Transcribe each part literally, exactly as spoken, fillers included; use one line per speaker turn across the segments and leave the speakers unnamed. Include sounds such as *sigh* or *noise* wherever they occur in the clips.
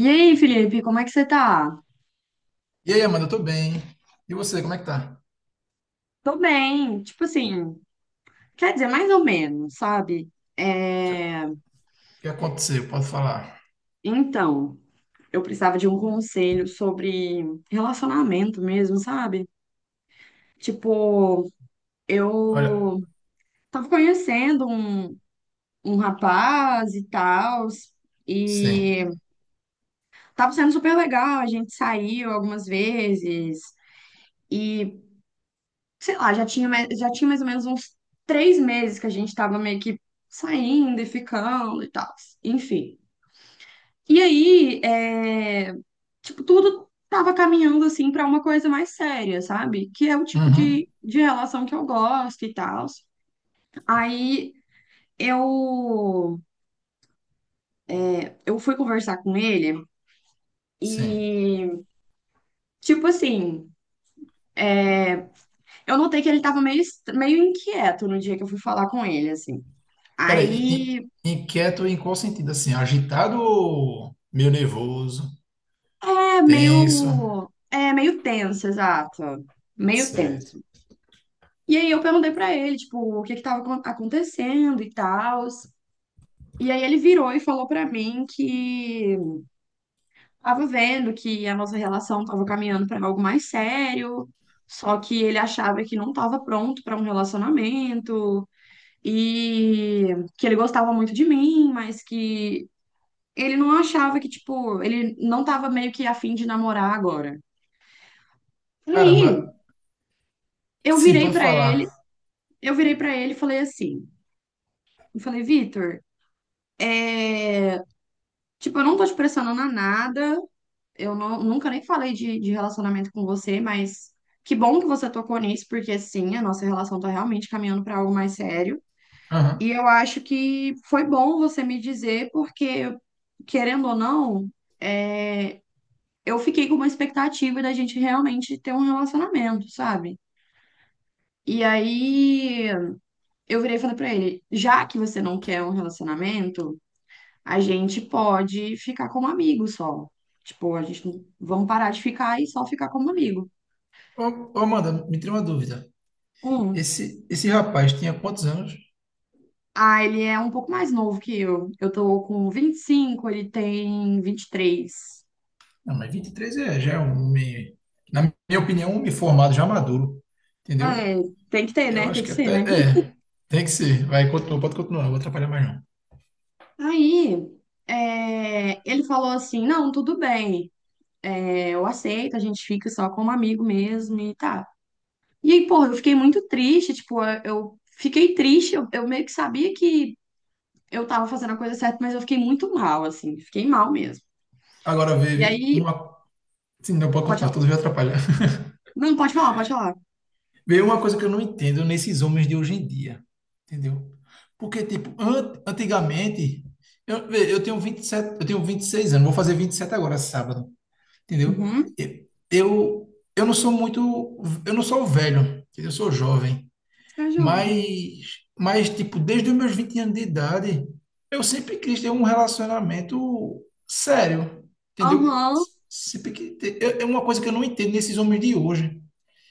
E aí, Felipe, como é que você tá?
E aí, Amanda, eu tô bem. E você, como é que tá?
Tô bem, tipo assim, quer dizer, mais ou menos, sabe?
O que,
É,
que aconteceu? Pode falar.
Então, eu precisava de um conselho sobre relacionamento mesmo, sabe? Tipo,
Olha,
eu tava conhecendo um, um rapaz e tal,
sim.
e tava sendo super legal, a gente saiu algumas vezes. E sei lá, já tinha, mais- já tinha mais ou menos uns três meses que a gente tava meio que saindo e ficando e tal. Enfim. E aí, é, tipo, tudo tava caminhando assim pra uma coisa mais séria, sabe? Que é o tipo
Uhum,
de, de relação que eu gosto e tal. Aí eu, eu fui conversar com ele
sim.
e, tipo assim, eu notei que ele tava meio, est- meio inquieto no dia que eu fui falar com ele, assim.
Peraí, in-
Aí
in- inquieto em qual sentido? Assim, agitado ou meio nervoso,
é
tenso?
meio, é meio tenso, exato. Meio
Certo.
tenso. E aí eu perguntei pra ele, tipo, o que que tava acon- acontecendo e tal. E aí ele virou e falou pra mim que tava vendo que a nossa relação tava caminhando pra algo mais sério, só que ele achava que não tava pronto pra um relacionamento e que ele gostava muito de mim, mas que ele não achava que, tipo, ele não tava meio que afim de namorar agora. E aí,
Caramba,
eu
sim,
virei
pode
pra ele
falar.
eu virei pra ele e falei assim, eu falei, Vitor, tipo, eu não tô te pressionando a nada, eu não- nunca nem falei de, de relacionamento com você, mas que bom que você tocou nisso, porque sim, a nossa relação tá realmente caminhando pra algo mais sério.
Aham.
E eu acho que foi bom você me dizer, porque, querendo ou não, é, eu fiquei com uma expectativa da gente realmente ter um relacionamento, sabe? E aí eu virei e falei pra ele, já que você não quer um relacionamento, a gente pode ficar como amigo só. Tipo, a gente não- vamos parar de ficar e só ficar como amigo.
Ô, ô, Amanda, me tira uma dúvida.
Um.
Esse, esse rapaz tinha quantos anos?
Ah, ele é um pouco mais novo que eu. Eu tô com vinte e cinco, ele tem vinte e três.
Não, mas vinte e três, é, já é um homem, na minha opinião, um homem formado, já maduro. Entendeu?
É, tem que ter,
Eu
né? Tem
acho
que
que
ser,
até.
né?
É, tem que ser. Vai, continua, pode continuar, não vou atrapalhar mais não.
Aí, é, ele falou assim: não, tudo bem, é, eu aceito, a gente fica só como amigo mesmo e tá. E aí, porra, eu fiquei muito triste, tipo, eu eu fiquei triste, eu, eu meio que sabia que eu tava fazendo a coisa certa, mas eu fiquei muito mal, assim, fiquei mal mesmo.
Agora
E
veio
aí,
uma. Sim, não pode
pode
continuar,
falar.
tudo vai atrapalhar. *laughs*
Não, pode falar, pode falar.
Veio uma coisa que eu não entendo nesses homens de hoje em dia, entendeu? Porque, tipo, an- antigamente. Eu, vê, eu tenho vinte e sete eu tenho vinte e seis anos, vou fazer vinte e sete agora, sábado, entendeu?
Uhum.
E- Eu, eu não sou muito. Eu não sou velho, entendeu? Eu sou jovem.
Você é jovem.
Mas, mas, tipo, desde os meus vinte anos de idade, eu sempre quis ter um relacionamento sério, entendeu?
Aham.
Sempre que ter- é é uma coisa que eu não entendo nesses homens de hoje.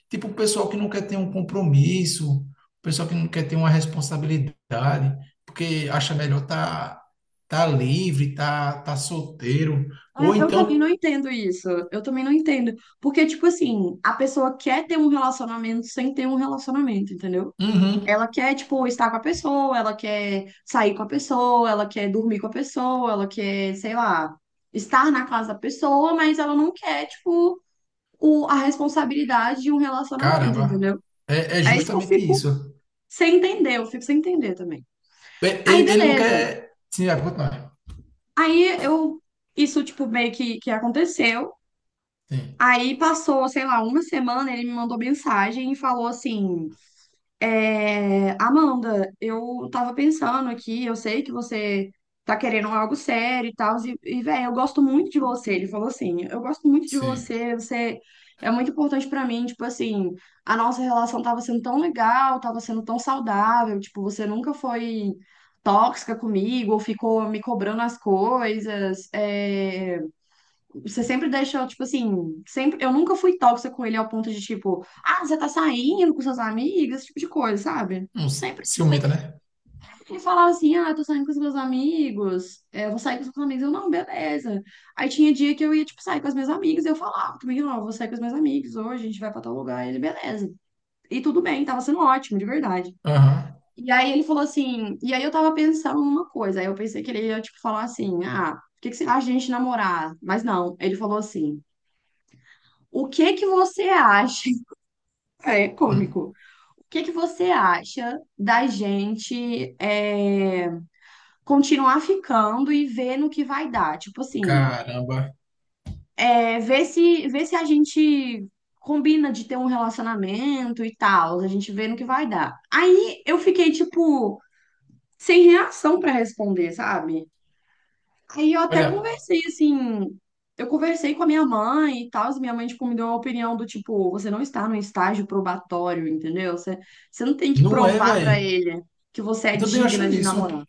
Tipo, o pessoal que não quer ter um compromisso, o pessoal que não quer ter uma responsabilidade, porque acha melhor tá, tá livre, tá, tá solteiro. Ou
É, eu também
então,
não entendo isso. Eu também não entendo. Porque, tipo assim, a pessoa quer ter um relacionamento sem ter um relacionamento, entendeu?
uhum,
Ela quer, tipo, estar com a pessoa, ela quer sair com a pessoa, ela quer dormir com a pessoa, ela quer, sei lá, estar na casa da pessoa, mas ela não quer, tipo, o, a responsabilidade de um relacionamento,
caramba,
entendeu?
é, é
É isso que eu
justamente
fico
isso.
sem entender, eu fico sem entender também.
É-
Aí,
Ele, ele não
beleza.
quer. Sim, vai continuar.
Aí eu. Isso, tipo, meio que, que aconteceu.
Sim.
Aí passou, sei lá, uma semana, ele me mandou mensagem e falou assim. É, Amanda, eu tava pensando aqui, eu sei que você tá querendo algo sério e tal, e, e velho, eu gosto muito de você. Ele falou assim: eu gosto muito de
Sim.
você, você é muito importante pra mim. Tipo assim, a nossa relação tava sendo tão legal, tava sendo tão saudável. Tipo, você nunca foi tóxica comigo, ou ficou me cobrando as coisas. É, você sempre deixou, tipo assim, sempre, eu nunca fui tóxica com ele ao ponto de, tipo, ah, você tá saindo com seus amigos, esse tipo de coisa, sabe?
Um
Sempre, tipo,
ciumenta, né?
ele falava assim, ah, tô saindo com os meus amigos, é, vou sair com os meus amigos, eu, não, beleza. Aí tinha dia que eu ia, tipo, sair com as minhas amigas, eu falava também, ó, vou sair com os meus amigos, hoje a gente vai pra tal lugar, ele, beleza. E tudo bem, tava sendo ótimo, de verdade.
Aham.
E aí ele falou assim, e aí eu tava pensando numa coisa, aí eu pensei que ele ia, tipo, falar assim, ah, o que que você acha de a gente namorar? Mas não, ele falou assim, o que que você acha? *laughs* É
Hum.
cômico. O que que você acha da gente é, continuar ficando e ver no que vai dar? Tipo assim,
Caramba.
é, ver se, ver se a gente combina de ter um relacionamento e tal, a gente vê no que vai dar. Aí eu fiquei, tipo, sem reação pra responder, sabe? Aí eu até
Olha,
conversei assim, eu conversei com a minha mãe e tal, e minha mãe tipo, me deu uma opinião do tipo, você não está num estágio probatório, entendeu? Você, você não tem que
não é,
provar pra
velho.
ele que você é
Eu também
digna
acho
de
isso.
namorar.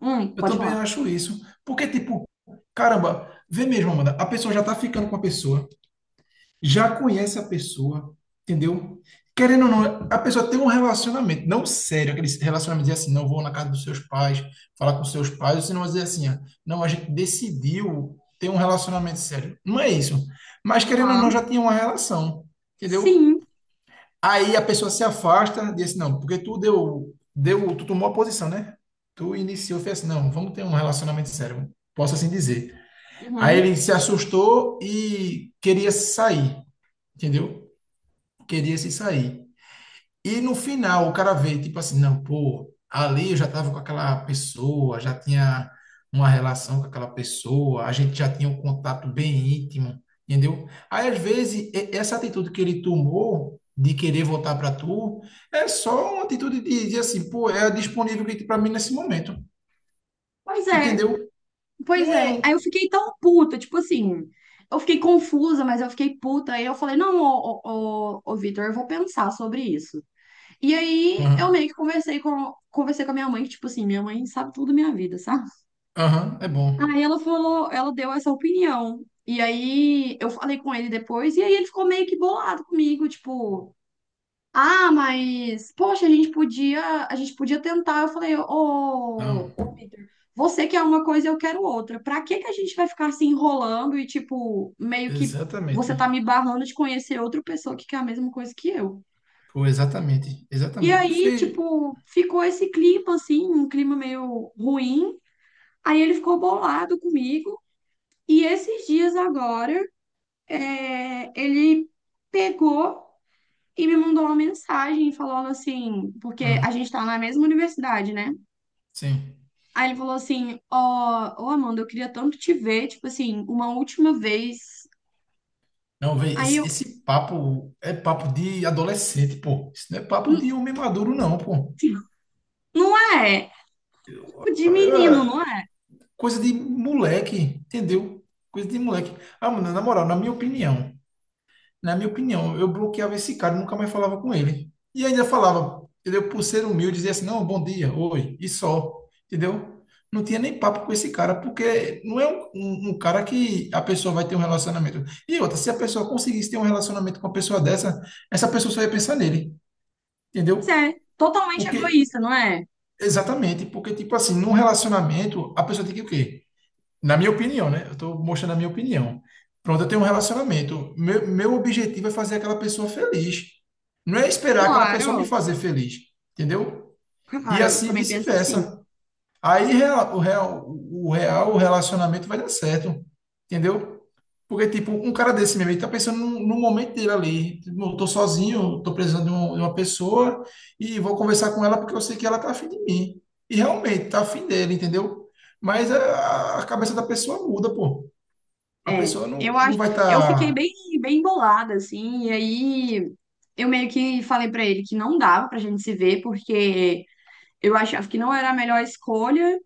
Hum,
Eu
pode
também
falar.
acho isso. Porque, tipo, caramba, vê mesmo, Amanda. A pessoa já tá ficando com a pessoa, já conhece a pessoa, entendeu? Querendo ou não, a pessoa tem um relacionamento, não sério, aquele relacionamento de assim, não vou na casa dos seus pais, falar com seus pais, ou se não dizer assim, ah, não, a gente decidiu ter um relacionamento sério. Não é isso. Mas querendo ou não,
Aham.
já tinha uma relação, entendeu?
Sim.
Aí a pessoa se afasta, diz assim, não, porque tu deu, deu, tu tomou a posição, né? Tu iniciou, fez assim, não, vamos ter um relacionamento sério, posso assim dizer. Aí
Uhum.
ele se assustou e queria se sair, entendeu? Queria se sair. E no final o cara vê, tipo assim, não, pô, ali eu já tava com aquela pessoa, já tinha uma relação com aquela pessoa, a gente já tinha um contato bem íntimo, entendeu? Aí às vezes e- essa atitude que ele tomou de querer voltar para tu é só uma atitude de, de assim, pô, é disponível que tem para mim nesse momento,
Pois é,
entendeu?
pois
Não é
é. Aí
um.
eu fiquei tão puta, tipo assim, eu fiquei confusa, mas eu fiquei puta. Aí eu falei, não, ô, ô, ô, ô Vitor, eu vou pensar sobre isso. E aí eu
Aham,
meio que conversei com, conversei com a minha mãe, que, tipo assim, minha mãe sabe tudo da minha vida, sabe?
aham, é bom.
Aí ela falou, ela deu essa opinião. E aí eu falei com ele depois, e aí ele ficou meio que bolado comigo, tipo, ah, mas poxa, a gente podia, a gente podia tentar. Eu falei, ô,
Não,
ô, Vitor, você quer uma coisa, eu quero outra. Pra que que a gente vai ficar se enrolando e, tipo, meio que
exatamente.
você tá me barrando de conhecer outra pessoa que quer a mesma coisa que eu?
Pô, exatamente,
E
exatamente. Tu
aí,
fez.
tipo, ficou esse clima, assim, um clima meio ruim. Aí ele ficou bolado comigo. E esses dias agora, é, ele pegou e me mandou uma mensagem falando assim, porque a gente tá na mesma universidade, né?
Sim.
Aí ele falou assim, ó, ô Amanda, eu queria tanto te ver, tipo assim, uma última vez.
Não, velho,
Aí
esse,
eu,
esse papo é papo de adolescente, pô. Isso não é papo
"Hum,
de homem maduro, não, pô.
não é? Tipo de menino,
É
não é?
coisa de moleque, entendeu? Coisa de moleque. Ah, mano, na moral, na minha opinião. na minha opinião, eu bloqueava esse cara, e nunca mais falava com ele. E ainda falava, entendeu? Por ser humilde, dizia assim, não, bom dia, oi, e só, entendeu? Não tinha nem papo com esse cara, porque não é um, um- um cara que a pessoa vai ter um relacionamento. E outra, se a pessoa conseguisse ter um relacionamento com uma pessoa dessa, essa pessoa só ia pensar nele,
Pois
entendeu?
é, totalmente
Porque,
egoísta, não é?
exatamente, porque, tipo assim, num relacionamento, a pessoa tem que o quê? Na minha opinião, né? Eu estou mostrando a minha opinião. Pronto, eu tenho um relacionamento. Meu, meu objetivo é fazer aquela pessoa feliz. Não é esperar aquela pessoa me
Claro,
fazer feliz, entendeu? E
claro, eu
assim
também penso assim.
vice-versa. Aí real- o real, o real, o relacionamento vai dar certo, entendeu? Porque, tipo, um cara desse mesmo, ele tá pensando no, no momento dele ali. Tipo, eu tô sozinho, tô precisando de, um- de uma pessoa e vou conversar com ela porque eu sei que ela tá afim de mim. E realmente, tá afim dele, entendeu? Mas a, a cabeça da pessoa muda, pô. A
É,
pessoa
eu
não, não
acho,
vai
eu fiquei
estar. Tá.
bem, bem bolada, assim, e aí eu meio que falei pra ele que não dava pra gente se ver, porque eu achava que não era a melhor escolha,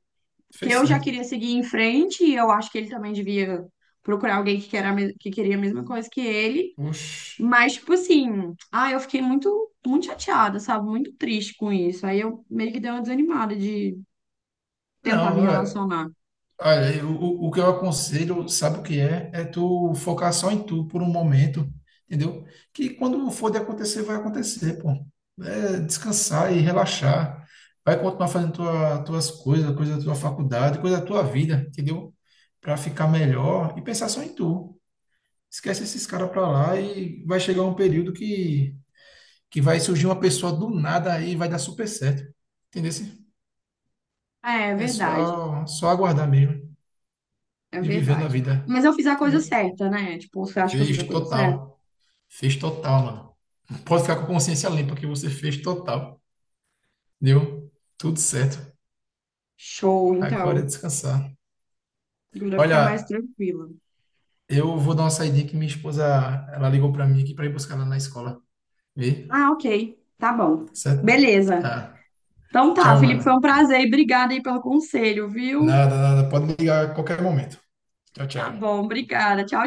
que
Fez
eu já
certo.
queria seguir em frente, e eu acho que ele também devia procurar alguém que, queira, a mes- que queria a mesma coisa que ele,
Oxi.
mas, tipo assim, ah, eu fiquei muito, muito chateada, sabe, muito triste com isso, aí eu meio que dei uma desanimada de tentar me
Não, é,
relacionar.
olha, eu- o, o que eu aconselho, sabe o que é? É tu focar só em tu por um momento, entendeu? Que quando for de acontecer, vai acontecer, pô. É descansar e relaxar. Vai continuar fazendo tua, tuas coisas, coisa da tua faculdade, coisa da tua vida, entendeu? Pra ficar melhor e pensar só em tu. Esquece esses caras pra lá e vai chegar um período que, que vai surgir uma pessoa do nada aí e vai dar super certo. Entendeu?
É, é
É
verdade.
só, só aguardar mesmo
É
e vivendo a
verdade.
vida,
Mas eu fiz a coisa
entendeu?
certa, né? Tipo, você acha que eu fiz
Fez
a coisa certa?
total. Fez total, mano. Pode ficar com a consciência limpa que você fez total. Deu tudo certo.
Show,
Agora é
então.
descansar.
Agora ficar mais
Olha,
tranquila.
eu vou dar uma saidinha que minha esposa, ela ligou pra mim aqui pra ir buscar ela na escola. Vê?
Ah, ok. Tá bom.
Tá certo?
Beleza.
Tá.
Então tá,
Tchau,
Felipe, foi um
mano.
prazer e obrigada aí pelo conselho, viu?
Nada, nada. Pode ligar a qualquer momento. Tchau,
Tá
tchau.
bom, obrigada. Tchau.